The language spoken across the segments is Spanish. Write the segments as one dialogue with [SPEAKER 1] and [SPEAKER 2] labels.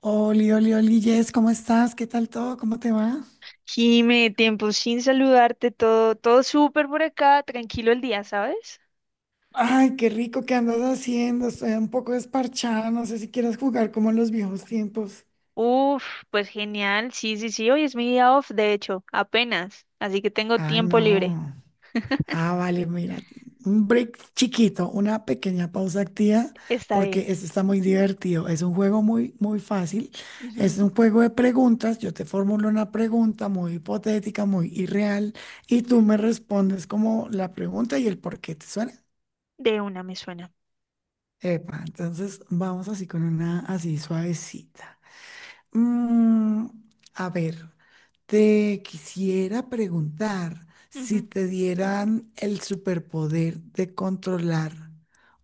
[SPEAKER 1] Oli, oli, oli, Jess, ¿cómo estás? ¿Qué tal todo? ¿Cómo te va?
[SPEAKER 2] Jime, tiempo sin saludarte, todo, todo súper por acá, tranquilo el día, ¿sabes?
[SPEAKER 1] Ay, qué rico que andas haciendo. Estoy un poco desparchada. No sé si quieras jugar como en los viejos tiempos.
[SPEAKER 2] Uf, pues genial, sí, sí, sí, hoy es mi día off, de hecho, apenas, así que tengo
[SPEAKER 1] Ah,
[SPEAKER 2] tiempo libre,
[SPEAKER 1] no. Ah, vale, mira. Un break chiquito, una pequeña pausa activa,
[SPEAKER 2] está bien.
[SPEAKER 1] porque esto está muy divertido. Es un juego muy, muy fácil.
[SPEAKER 2] Ujú,
[SPEAKER 1] Es un juego de preguntas. Yo te formulo una pregunta muy hipotética, muy irreal, y tú
[SPEAKER 2] ujú,
[SPEAKER 1] me respondes como la pregunta y el por qué te suena.
[SPEAKER 2] de una me suena.
[SPEAKER 1] Epa, entonces vamos así con una así suavecita. Mm, a ver, te quisiera preguntar si
[SPEAKER 2] Ujú,
[SPEAKER 1] te dieran el superpoder de controlar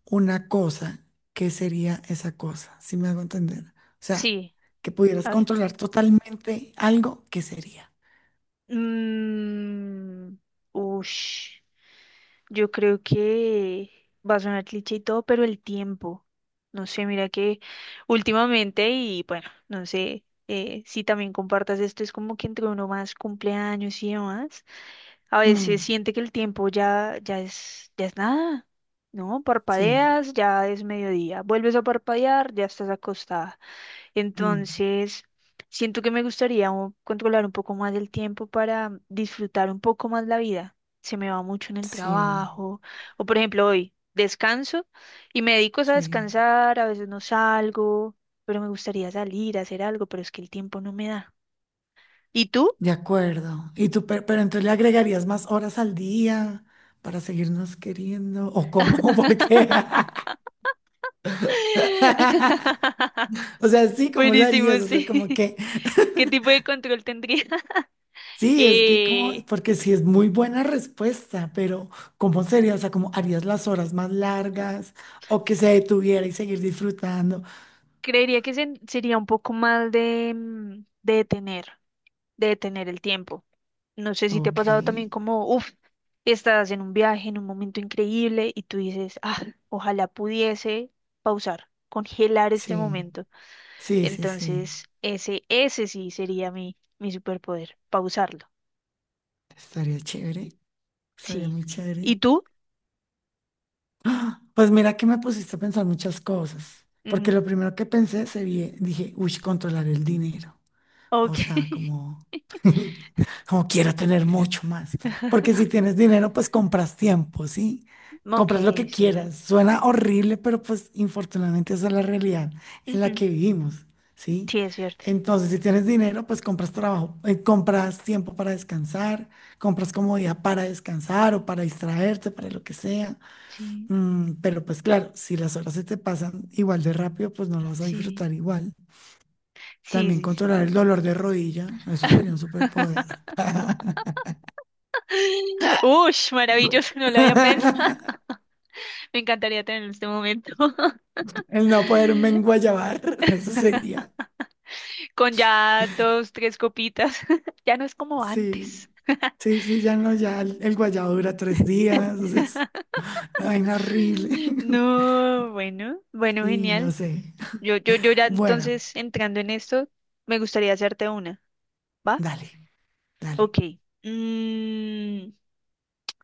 [SPEAKER 1] una cosa, ¿qué sería esa cosa? Si me hago entender. O sea,
[SPEAKER 2] sí,
[SPEAKER 1] que pudieras
[SPEAKER 2] a ver.
[SPEAKER 1] controlar totalmente algo, ¿qué sería?
[SPEAKER 2] Mm, ush. Yo creo que va a sonar cliché y todo, pero el tiempo. No sé, mira que últimamente, y bueno, no sé si también compartas esto, es como que entre uno más cumpleaños y demás, a veces
[SPEAKER 1] Mm,
[SPEAKER 2] siente que el tiempo ya es nada, ¿no?
[SPEAKER 1] sí,
[SPEAKER 2] Parpadeas, ya es mediodía, vuelves a parpadear, ya estás acostada.
[SPEAKER 1] mm,
[SPEAKER 2] Entonces, siento que me gustaría controlar un poco más el tiempo para disfrutar un poco más la vida. Se me va mucho en el
[SPEAKER 1] sí,
[SPEAKER 2] trabajo. O por ejemplo, hoy descanso y me dedico a
[SPEAKER 1] sí.
[SPEAKER 2] descansar, a veces no salgo, pero me gustaría salir a hacer algo, pero es que el tiempo no me da. ¿Y tú?
[SPEAKER 1] De acuerdo. Y tú, pero, entonces le agregarías más horas al día para seguirnos queriendo. ¿O cómo? ¿Por qué? O sea, sí, ¿cómo lo
[SPEAKER 2] Buenísimo,
[SPEAKER 1] harías? O sea, como
[SPEAKER 2] sí.
[SPEAKER 1] que,
[SPEAKER 2] ¿Qué tipo de control tendría?
[SPEAKER 1] sí, es que como,
[SPEAKER 2] Eh,
[SPEAKER 1] porque sí es muy buena respuesta, pero ¿cómo sería? O sea, ¿cómo harías las horas más largas? O que se detuviera y seguir disfrutando.
[SPEAKER 2] creería que sería un poco más de, de detener. De detener el tiempo. No sé si te ha
[SPEAKER 1] Ok,
[SPEAKER 2] pasado también como, uff, estás en un viaje, en un momento increíble y tú dices, ah, ojalá pudiese pausar, congelar este
[SPEAKER 1] sí,
[SPEAKER 2] momento.
[SPEAKER 1] sí, sí, sí.
[SPEAKER 2] Entonces, ese sí sería mi superpoder, pausarlo.
[SPEAKER 1] Estaría chévere, estaría
[SPEAKER 2] Sí.
[SPEAKER 1] muy
[SPEAKER 2] ¿Y
[SPEAKER 1] chévere.
[SPEAKER 2] tú?
[SPEAKER 1] ¡Ah! Pues mira que me pusiste a pensar muchas cosas, porque
[SPEAKER 2] Mm,
[SPEAKER 1] lo primero que pensé se vi, dije, uy, controlar el dinero, o
[SPEAKER 2] ok.
[SPEAKER 1] sea, como, como quiero tener mucho más, porque si tienes dinero, pues compras tiempo, ¿sí?
[SPEAKER 2] Ok,
[SPEAKER 1] Compras lo que
[SPEAKER 2] sí.
[SPEAKER 1] quieras, suena horrible, pero pues infortunadamente esa es la realidad en la
[SPEAKER 2] Ujú.
[SPEAKER 1] que vivimos, ¿sí?
[SPEAKER 2] Sí, es cierto.
[SPEAKER 1] Entonces, si tienes dinero, pues compras trabajo, compras tiempo para descansar, compras comodidad para descansar o para distraerte, para lo que sea.
[SPEAKER 2] Sí,
[SPEAKER 1] Pero pues claro, si las horas se te pasan igual de rápido, pues no las vas a
[SPEAKER 2] sí.
[SPEAKER 1] disfrutar igual.
[SPEAKER 2] Sí,
[SPEAKER 1] También
[SPEAKER 2] sí, sí.
[SPEAKER 1] controlar el dolor de rodilla, eso sería un superpoder.
[SPEAKER 2] Ush, maravilloso, no lo había pensado. Me encantaría tener este momento.
[SPEAKER 1] El no poderme enguayabar, eso sería.
[SPEAKER 2] Con ya dos, tres copitas. Ya no es como
[SPEAKER 1] Sí,
[SPEAKER 2] antes.
[SPEAKER 1] sí, sí, ya no, ya el guayabo dura 3 días, o sea, es una vaina horrible.
[SPEAKER 2] No, bueno, bueno,
[SPEAKER 1] Sí, no
[SPEAKER 2] genial.
[SPEAKER 1] sé.
[SPEAKER 2] Yo ya
[SPEAKER 1] Bueno,
[SPEAKER 2] entonces entrando en esto, me gustaría hacerte una, ¿va?
[SPEAKER 1] dale, dale.
[SPEAKER 2] Ok. Mm,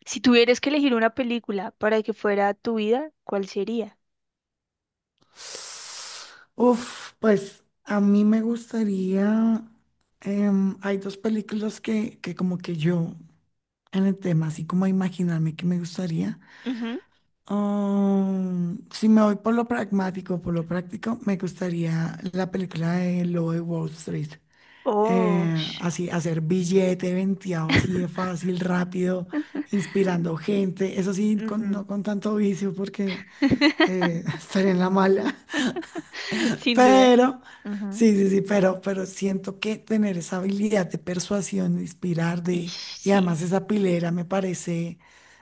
[SPEAKER 2] si tuvieras que elegir una película para que fuera tu vida, ¿cuál sería?
[SPEAKER 1] Uf, pues a mí me gustaría. Hay dos películas que como que yo en el tema, así como imaginarme que me gustaría.
[SPEAKER 2] Ujú.
[SPEAKER 1] Si me voy por lo pragmático, por lo práctico, me gustaría la película de Lo de Wall Street.
[SPEAKER 2] Oh,
[SPEAKER 1] Eh,
[SPEAKER 2] sh-
[SPEAKER 1] así, hacer billete venteado así de fácil, rápido, inspirando gente. Eso sí,
[SPEAKER 2] ujú.
[SPEAKER 1] no con tanto vicio porque estaría en la mala.
[SPEAKER 2] Sin duda.
[SPEAKER 1] Pero,
[SPEAKER 2] Ujú.
[SPEAKER 1] sí, sí, sí, pero siento que tener esa habilidad de persuasión, de inspirar, de,
[SPEAKER 2] Ish,
[SPEAKER 1] y
[SPEAKER 2] sí.
[SPEAKER 1] además esa pilera me parece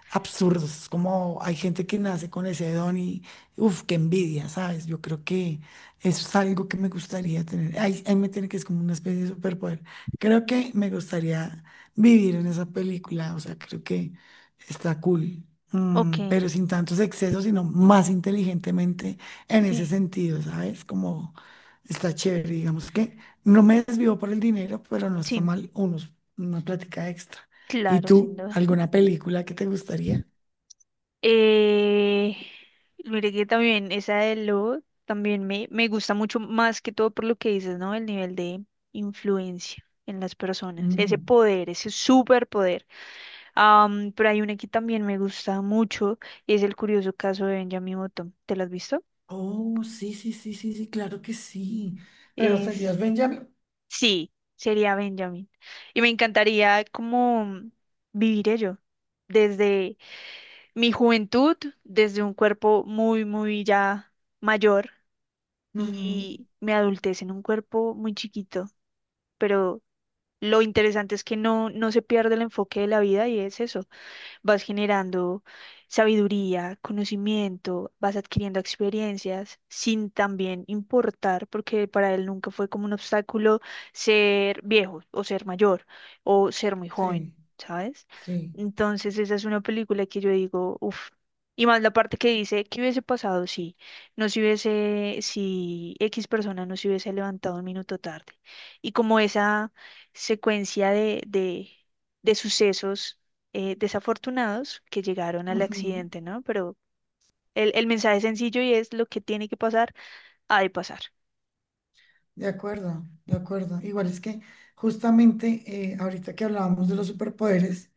[SPEAKER 1] absurdo. Es como hay gente que nace con ese don y, uff, qué envidia, ¿sabes? Yo creo que eso es algo que me gustaría tener. Ahí, ahí me tiene que es como una especie de superpoder. Creo que me gustaría vivir en esa película, o sea, creo que está cool.
[SPEAKER 2] Ok,
[SPEAKER 1] Pero sin tantos excesos, sino más inteligentemente en ese
[SPEAKER 2] sí,
[SPEAKER 1] sentido, ¿sabes? Como está chévere, digamos que no me desvivo por el dinero, pero no está
[SPEAKER 2] sí,
[SPEAKER 1] mal unos, una plática extra. ¿Y
[SPEAKER 2] claro, sin
[SPEAKER 1] tú,
[SPEAKER 2] duda.
[SPEAKER 1] alguna película que te gustaría?
[SPEAKER 2] Eh, mire que también esa de lobo también me gusta mucho más que todo por lo que dices, ¿no? El nivel de influencia en las personas, ese
[SPEAKER 1] Mm.
[SPEAKER 2] poder, ese superpoder. Pero hay una que también me gusta mucho y es el curioso caso de Benjamin Button. ¿Te lo has visto?
[SPEAKER 1] Oh, sí, sí, sí, sí, sí, claro que sí. Pero
[SPEAKER 2] Es,
[SPEAKER 1] serías Benjamin.
[SPEAKER 2] sí, sería Benjamin. Y me encantaría como vivir ello desde mi juventud, desde un cuerpo muy, muy ya mayor
[SPEAKER 1] Ujú,
[SPEAKER 2] y me adultece en un cuerpo muy chiquito, pero lo interesante es que no, no se pierde el enfoque de la vida y es eso, vas generando sabiduría, conocimiento, vas adquiriendo experiencias sin también importar, porque para él nunca fue como un obstáculo ser viejo o ser mayor o ser muy joven,
[SPEAKER 1] sí,
[SPEAKER 2] ¿sabes?
[SPEAKER 1] sí.
[SPEAKER 2] Entonces esa es una película que yo digo, uff. Y más la parte que dice, ¿qué hubiese pasado si no se hubiese, si X persona no se hubiese levantado un minuto tarde? Y como esa secuencia de sucesos desafortunados que llegaron al
[SPEAKER 1] Ujú.
[SPEAKER 2] accidente, ¿no? Pero el mensaje es sencillo y es lo que tiene que pasar, ha de pasar.
[SPEAKER 1] De acuerdo, de acuerdo. Igual es que justamente ahorita que hablábamos de los superpoderes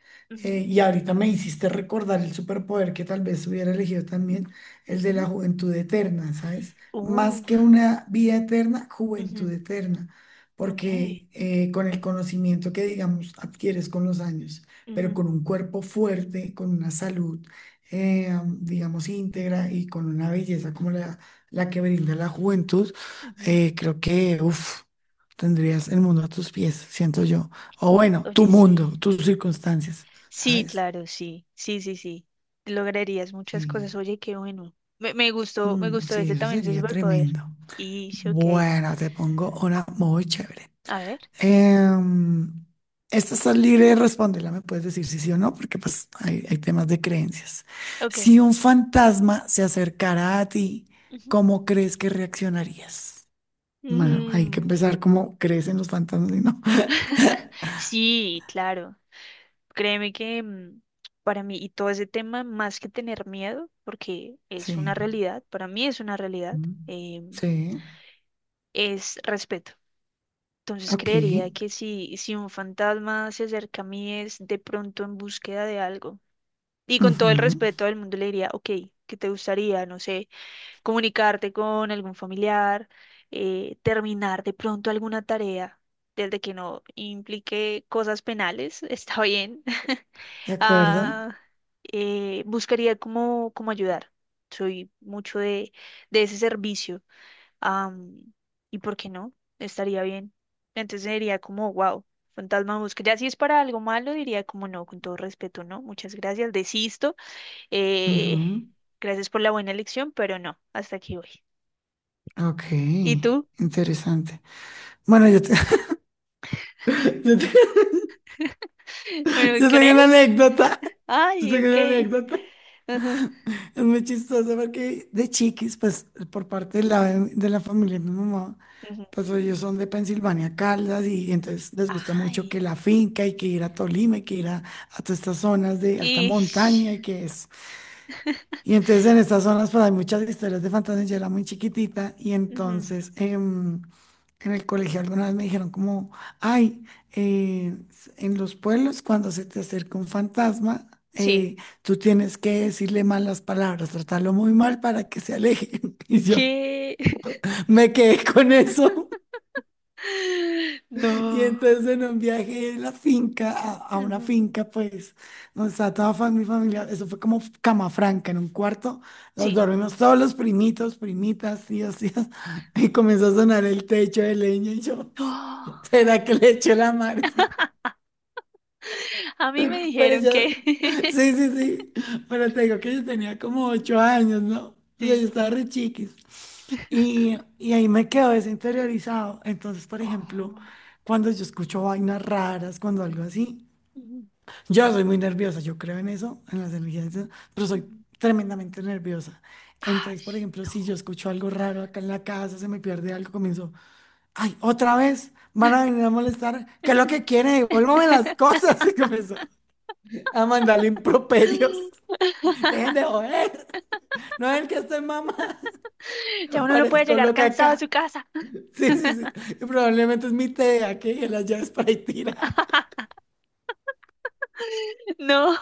[SPEAKER 2] Ujú,
[SPEAKER 1] y ahorita me hiciste recordar el superpoder que tal vez hubiera elegido también, el de la
[SPEAKER 2] ujú.
[SPEAKER 1] juventud eterna, ¿sabes?
[SPEAKER 2] Uh,
[SPEAKER 1] Más que una vida eterna, juventud
[SPEAKER 2] ujú,
[SPEAKER 1] eterna,
[SPEAKER 2] ok.
[SPEAKER 1] porque con el conocimiento que, digamos, adquieres con los años, pero
[SPEAKER 2] Ujú,
[SPEAKER 1] con un cuerpo fuerte, con una salud, digamos, íntegra y con una belleza como la que brinda la juventud
[SPEAKER 2] ujú.
[SPEAKER 1] creo que, uff, tendrías el mundo a tus pies, siento yo. O bueno, tu
[SPEAKER 2] Oye, sí.
[SPEAKER 1] mundo, tus circunstancias,
[SPEAKER 2] Sí,
[SPEAKER 1] ¿sabes?
[SPEAKER 2] claro, sí. Sí, sí, sí. Lograrías muchas
[SPEAKER 1] Sí,
[SPEAKER 2] cosas. Oye, qué bueno. Me, me
[SPEAKER 1] mm,
[SPEAKER 2] gustó
[SPEAKER 1] sí,
[SPEAKER 2] ese
[SPEAKER 1] eso
[SPEAKER 2] también, ese
[SPEAKER 1] sería
[SPEAKER 2] superpoder.
[SPEAKER 1] tremendo.
[SPEAKER 2] Y, sí, ok.
[SPEAKER 1] Bueno, te pongo una muy chévere.
[SPEAKER 2] A ver,
[SPEAKER 1] Em, esta está libre de responderla, me puedes decir si sí o no, porque pues hay temas de creencias.
[SPEAKER 2] ok.
[SPEAKER 1] Si un fantasma se acercara a ti,
[SPEAKER 2] Ujú.
[SPEAKER 1] ¿cómo crees que reaccionarías? Bueno, hay que
[SPEAKER 2] Mm.
[SPEAKER 1] empezar como crees en los fantasmas y no.
[SPEAKER 2] Sí, claro. Créeme que para mí, y todo ese tema, más que tener miedo, porque es una
[SPEAKER 1] Sí.
[SPEAKER 2] realidad, para mí es una realidad,
[SPEAKER 1] Mm,
[SPEAKER 2] eh,
[SPEAKER 1] sí,
[SPEAKER 2] es respeto. Entonces
[SPEAKER 1] ok.
[SPEAKER 2] creería que si un fantasma se acerca a mí es de pronto en búsqueda de algo. Y con todo el
[SPEAKER 1] Ujú,
[SPEAKER 2] respeto del mundo le diría, ok, ¿qué te gustaría? No sé, comunicarte con algún familiar, terminar de pronto alguna tarea, desde que no implique cosas penales, está bien
[SPEAKER 1] de acuerdo.
[SPEAKER 2] ah, buscaría cómo, cómo ayudar. Soy mucho de ese servicio. am, ¿Y por qué no? Estaría bien. Entonces diría como, wow, fantasma busca. Ya si es para algo malo, diría como no, con todo respeto, no. Muchas gracias, desisto. eh,
[SPEAKER 1] Ujú,
[SPEAKER 2] gracias por la buena elección, pero no, hasta aquí voy.
[SPEAKER 1] ok,
[SPEAKER 2] ¿Y tú?
[SPEAKER 1] interesante. Bueno, yo, te-
[SPEAKER 2] ¿Me
[SPEAKER 1] yo tengo una
[SPEAKER 2] crees?
[SPEAKER 1] anécdota. Yo
[SPEAKER 2] Ay,
[SPEAKER 1] tengo
[SPEAKER 2] ok.
[SPEAKER 1] una anécdota.
[SPEAKER 2] Ajá,
[SPEAKER 1] Es muy chistosa porque de chiquis, pues por parte de la familia de mi mamá,
[SPEAKER 2] ujú.
[SPEAKER 1] pues ellos son de Pensilvania, Caldas, y entonces les gusta mucho que
[SPEAKER 2] Ay.
[SPEAKER 1] la finca y que ir a Tolima y que ir a todas estas zonas de alta
[SPEAKER 2] Y...
[SPEAKER 1] montaña y que es. Y entonces en estas zonas pues hay muchas historias de fantasmas, yo era muy chiquitita y
[SPEAKER 2] Ujú,
[SPEAKER 1] entonces en el colegio alguna vez me dijeron como, ay, en los pueblos cuando se te acerca un fantasma,
[SPEAKER 2] sí.
[SPEAKER 1] eh, tú tienes que decirle malas palabras, tratarlo muy mal para que se aleje. Y yo
[SPEAKER 2] ¿Qué?
[SPEAKER 1] me quedé con eso. Y
[SPEAKER 2] No.
[SPEAKER 1] entonces en un viaje de la finca a una
[SPEAKER 2] Ujú,
[SPEAKER 1] finca, pues, donde estaba toda mi familia, eso fue como cama franca, en un cuarto, nos
[SPEAKER 2] sí.
[SPEAKER 1] dormimos todos los primitos, primitas, tíos, tías, y comenzó a sonar el techo de leña y yo,
[SPEAKER 2] Oh,
[SPEAKER 1] ¿será que le echo la mano?
[SPEAKER 2] a mí me
[SPEAKER 1] Pero
[SPEAKER 2] dijeron
[SPEAKER 1] yo,
[SPEAKER 2] que...
[SPEAKER 1] sí, sí, sí, pero te digo que yo tenía como 8 años, ¿no? O sea,
[SPEAKER 2] sí.
[SPEAKER 1] yo estaba re chiquis. Y ahí me quedo desinteriorizado. Entonces, por ejemplo,
[SPEAKER 2] Oh,
[SPEAKER 1] cuando yo escucho vainas raras, cuando algo así.
[SPEAKER 2] ujú,
[SPEAKER 1] Yo soy muy nerviosa, yo creo en eso, en las energías, pero soy
[SPEAKER 2] ujú.
[SPEAKER 1] tremendamente nerviosa.
[SPEAKER 2] Ay.
[SPEAKER 1] Entonces, por ejemplo, si yo escucho algo raro acá en la casa, se me pierde algo, comienzo, ay, otra vez, van a venir a molestar, ¿qué es lo que quieren? Devuélvame las cosas, y comienzo a mandarle improperios. Dejen de joder, no es el que estoy mamá,
[SPEAKER 2] Ya uno no puede
[SPEAKER 1] parezco
[SPEAKER 2] llegar
[SPEAKER 1] loca
[SPEAKER 2] cansado a
[SPEAKER 1] acá.
[SPEAKER 2] su casa.
[SPEAKER 1] Sí, sí, sí, y probablemente es mi TDA que dejé las llaves para ahí tira.
[SPEAKER 2] No,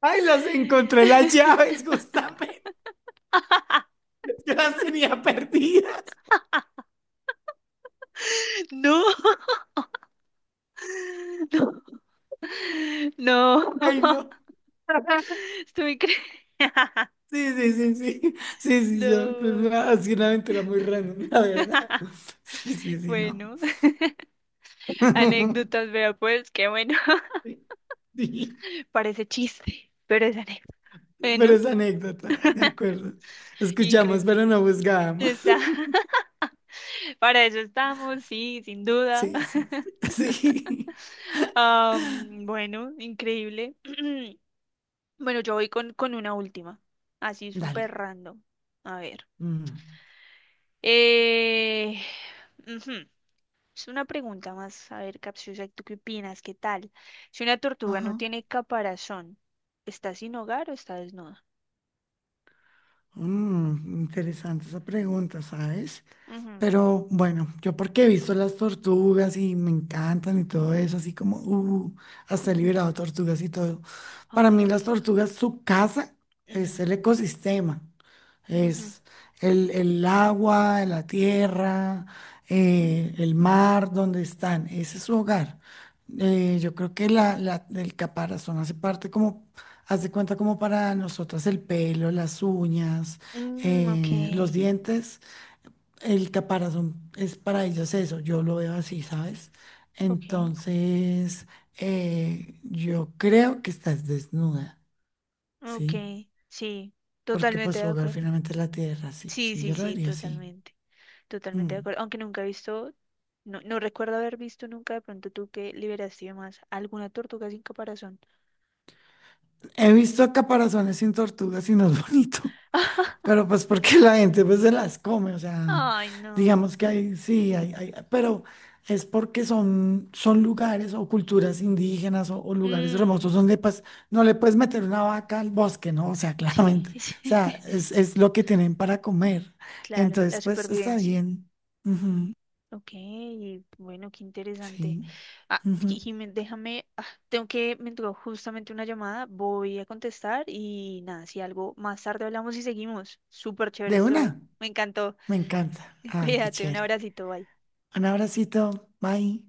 [SPEAKER 1] Ay, las encontré las llaves, justamente, yo las tenía perdidas.
[SPEAKER 2] no. No,
[SPEAKER 1] Ay,
[SPEAKER 2] no.
[SPEAKER 1] no.
[SPEAKER 2] Estuve increíble.
[SPEAKER 1] Sí, sí, sí, sí. Sí, sí, yo. Pues,
[SPEAKER 2] No.
[SPEAKER 1] ha sido una aventura muy random, la verdad. Sí, sí, sí, no.
[SPEAKER 2] Bueno, anécdotas, vea pues, qué bueno.
[SPEAKER 1] Sí, sí.
[SPEAKER 2] Parece chiste, pero es anécdota.
[SPEAKER 1] Pero
[SPEAKER 2] Bueno,
[SPEAKER 1] es anécdota, de acuerdo. Escuchamos,
[SPEAKER 2] increíble.
[SPEAKER 1] pero no buscábamos.
[SPEAKER 2] Esa. Para eso estamos, sí, sin duda.
[SPEAKER 1] Sí, sí, sí. Sí.
[SPEAKER 2] Bueno, increíble. Bueno, yo voy con una última, así
[SPEAKER 1] Dale.
[SPEAKER 2] súper random. A ver.
[SPEAKER 1] Mm,
[SPEAKER 2] Eh, ujú. Es una pregunta más, a ver, capciosa, ¿tú qué opinas? ¿Qué tal? Si una tortuga no
[SPEAKER 1] ajá.
[SPEAKER 2] tiene caparazón, ¿está sin hogar o está desnuda?
[SPEAKER 1] Interesante esa pregunta, ¿sabes?
[SPEAKER 2] Ujú,
[SPEAKER 1] Pero bueno, yo porque he visto las tortugas y me encantan y todo eso, así como, hasta he
[SPEAKER 2] ujú.
[SPEAKER 1] liberado tortugas y todo. Para
[SPEAKER 2] Ay,
[SPEAKER 1] mí
[SPEAKER 2] qué
[SPEAKER 1] las
[SPEAKER 2] lindo.
[SPEAKER 1] tortugas, su casa es
[SPEAKER 2] Ujú,
[SPEAKER 1] el ecosistema,
[SPEAKER 2] ujú.
[SPEAKER 1] es el agua, la tierra, el mar donde están, ese es su hogar. Yo creo que el caparazón hace parte como, hace cuenta como para nosotras el pelo, las uñas,
[SPEAKER 2] Mm, ok,
[SPEAKER 1] los dientes. El caparazón es para ellos eso, yo lo veo así, ¿sabes?
[SPEAKER 2] ok,
[SPEAKER 1] Entonces, yo creo que estás desnuda,
[SPEAKER 2] ok,
[SPEAKER 1] ¿sí?
[SPEAKER 2] sí,
[SPEAKER 1] Porque pues
[SPEAKER 2] totalmente de
[SPEAKER 1] su hogar
[SPEAKER 2] acuerdo.
[SPEAKER 1] finalmente es la tierra, sí,
[SPEAKER 2] Sí,
[SPEAKER 1] sí,
[SPEAKER 2] sí,
[SPEAKER 1] yo lo
[SPEAKER 2] sí,
[SPEAKER 1] diría así.
[SPEAKER 2] totalmente. Totalmente de
[SPEAKER 1] Mm.
[SPEAKER 2] acuerdo. Aunque nunca he visto, no, no recuerdo haber visto nunca de pronto tú que liberaste más alguna tortuga sin caparazón.
[SPEAKER 1] He visto caparazones sin tortugas y no es bonito. Pero pues porque la gente pues se las come, o sea,
[SPEAKER 2] Ay, no.
[SPEAKER 1] digamos que hay, sí, pero es porque son lugares o culturas indígenas o lugares remotos
[SPEAKER 2] Mm,
[SPEAKER 1] donde pues no le puedes meter una vaca al bosque, ¿no? O sea,
[SPEAKER 2] sí,
[SPEAKER 1] claramente, o
[SPEAKER 2] sí.
[SPEAKER 1] sea, es lo que tienen para comer.
[SPEAKER 2] Claro, la
[SPEAKER 1] Entonces, pues está
[SPEAKER 2] supervivencia.
[SPEAKER 1] bien.
[SPEAKER 2] Ujú.
[SPEAKER 1] Ujú,
[SPEAKER 2] Ok, bueno, qué interesante.
[SPEAKER 1] sí.
[SPEAKER 2] Ah,
[SPEAKER 1] Ujú.
[SPEAKER 2] Jimé, déjame, ah, tengo que, me entró justamente una llamada, voy a contestar y nada, si algo más tarde hablamos y seguimos. Súper chévere
[SPEAKER 1] De
[SPEAKER 2] este juego.
[SPEAKER 1] una,
[SPEAKER 2] Me encantó.
[SPEAKER 1] me encanta. Ay, qué
[SPEAKER 2] Cuídate, un
[SPEAKER 1] chévere.
[SPEAKER 2] abracito, bye.
[SPEAKER 1] Un abracito, bye.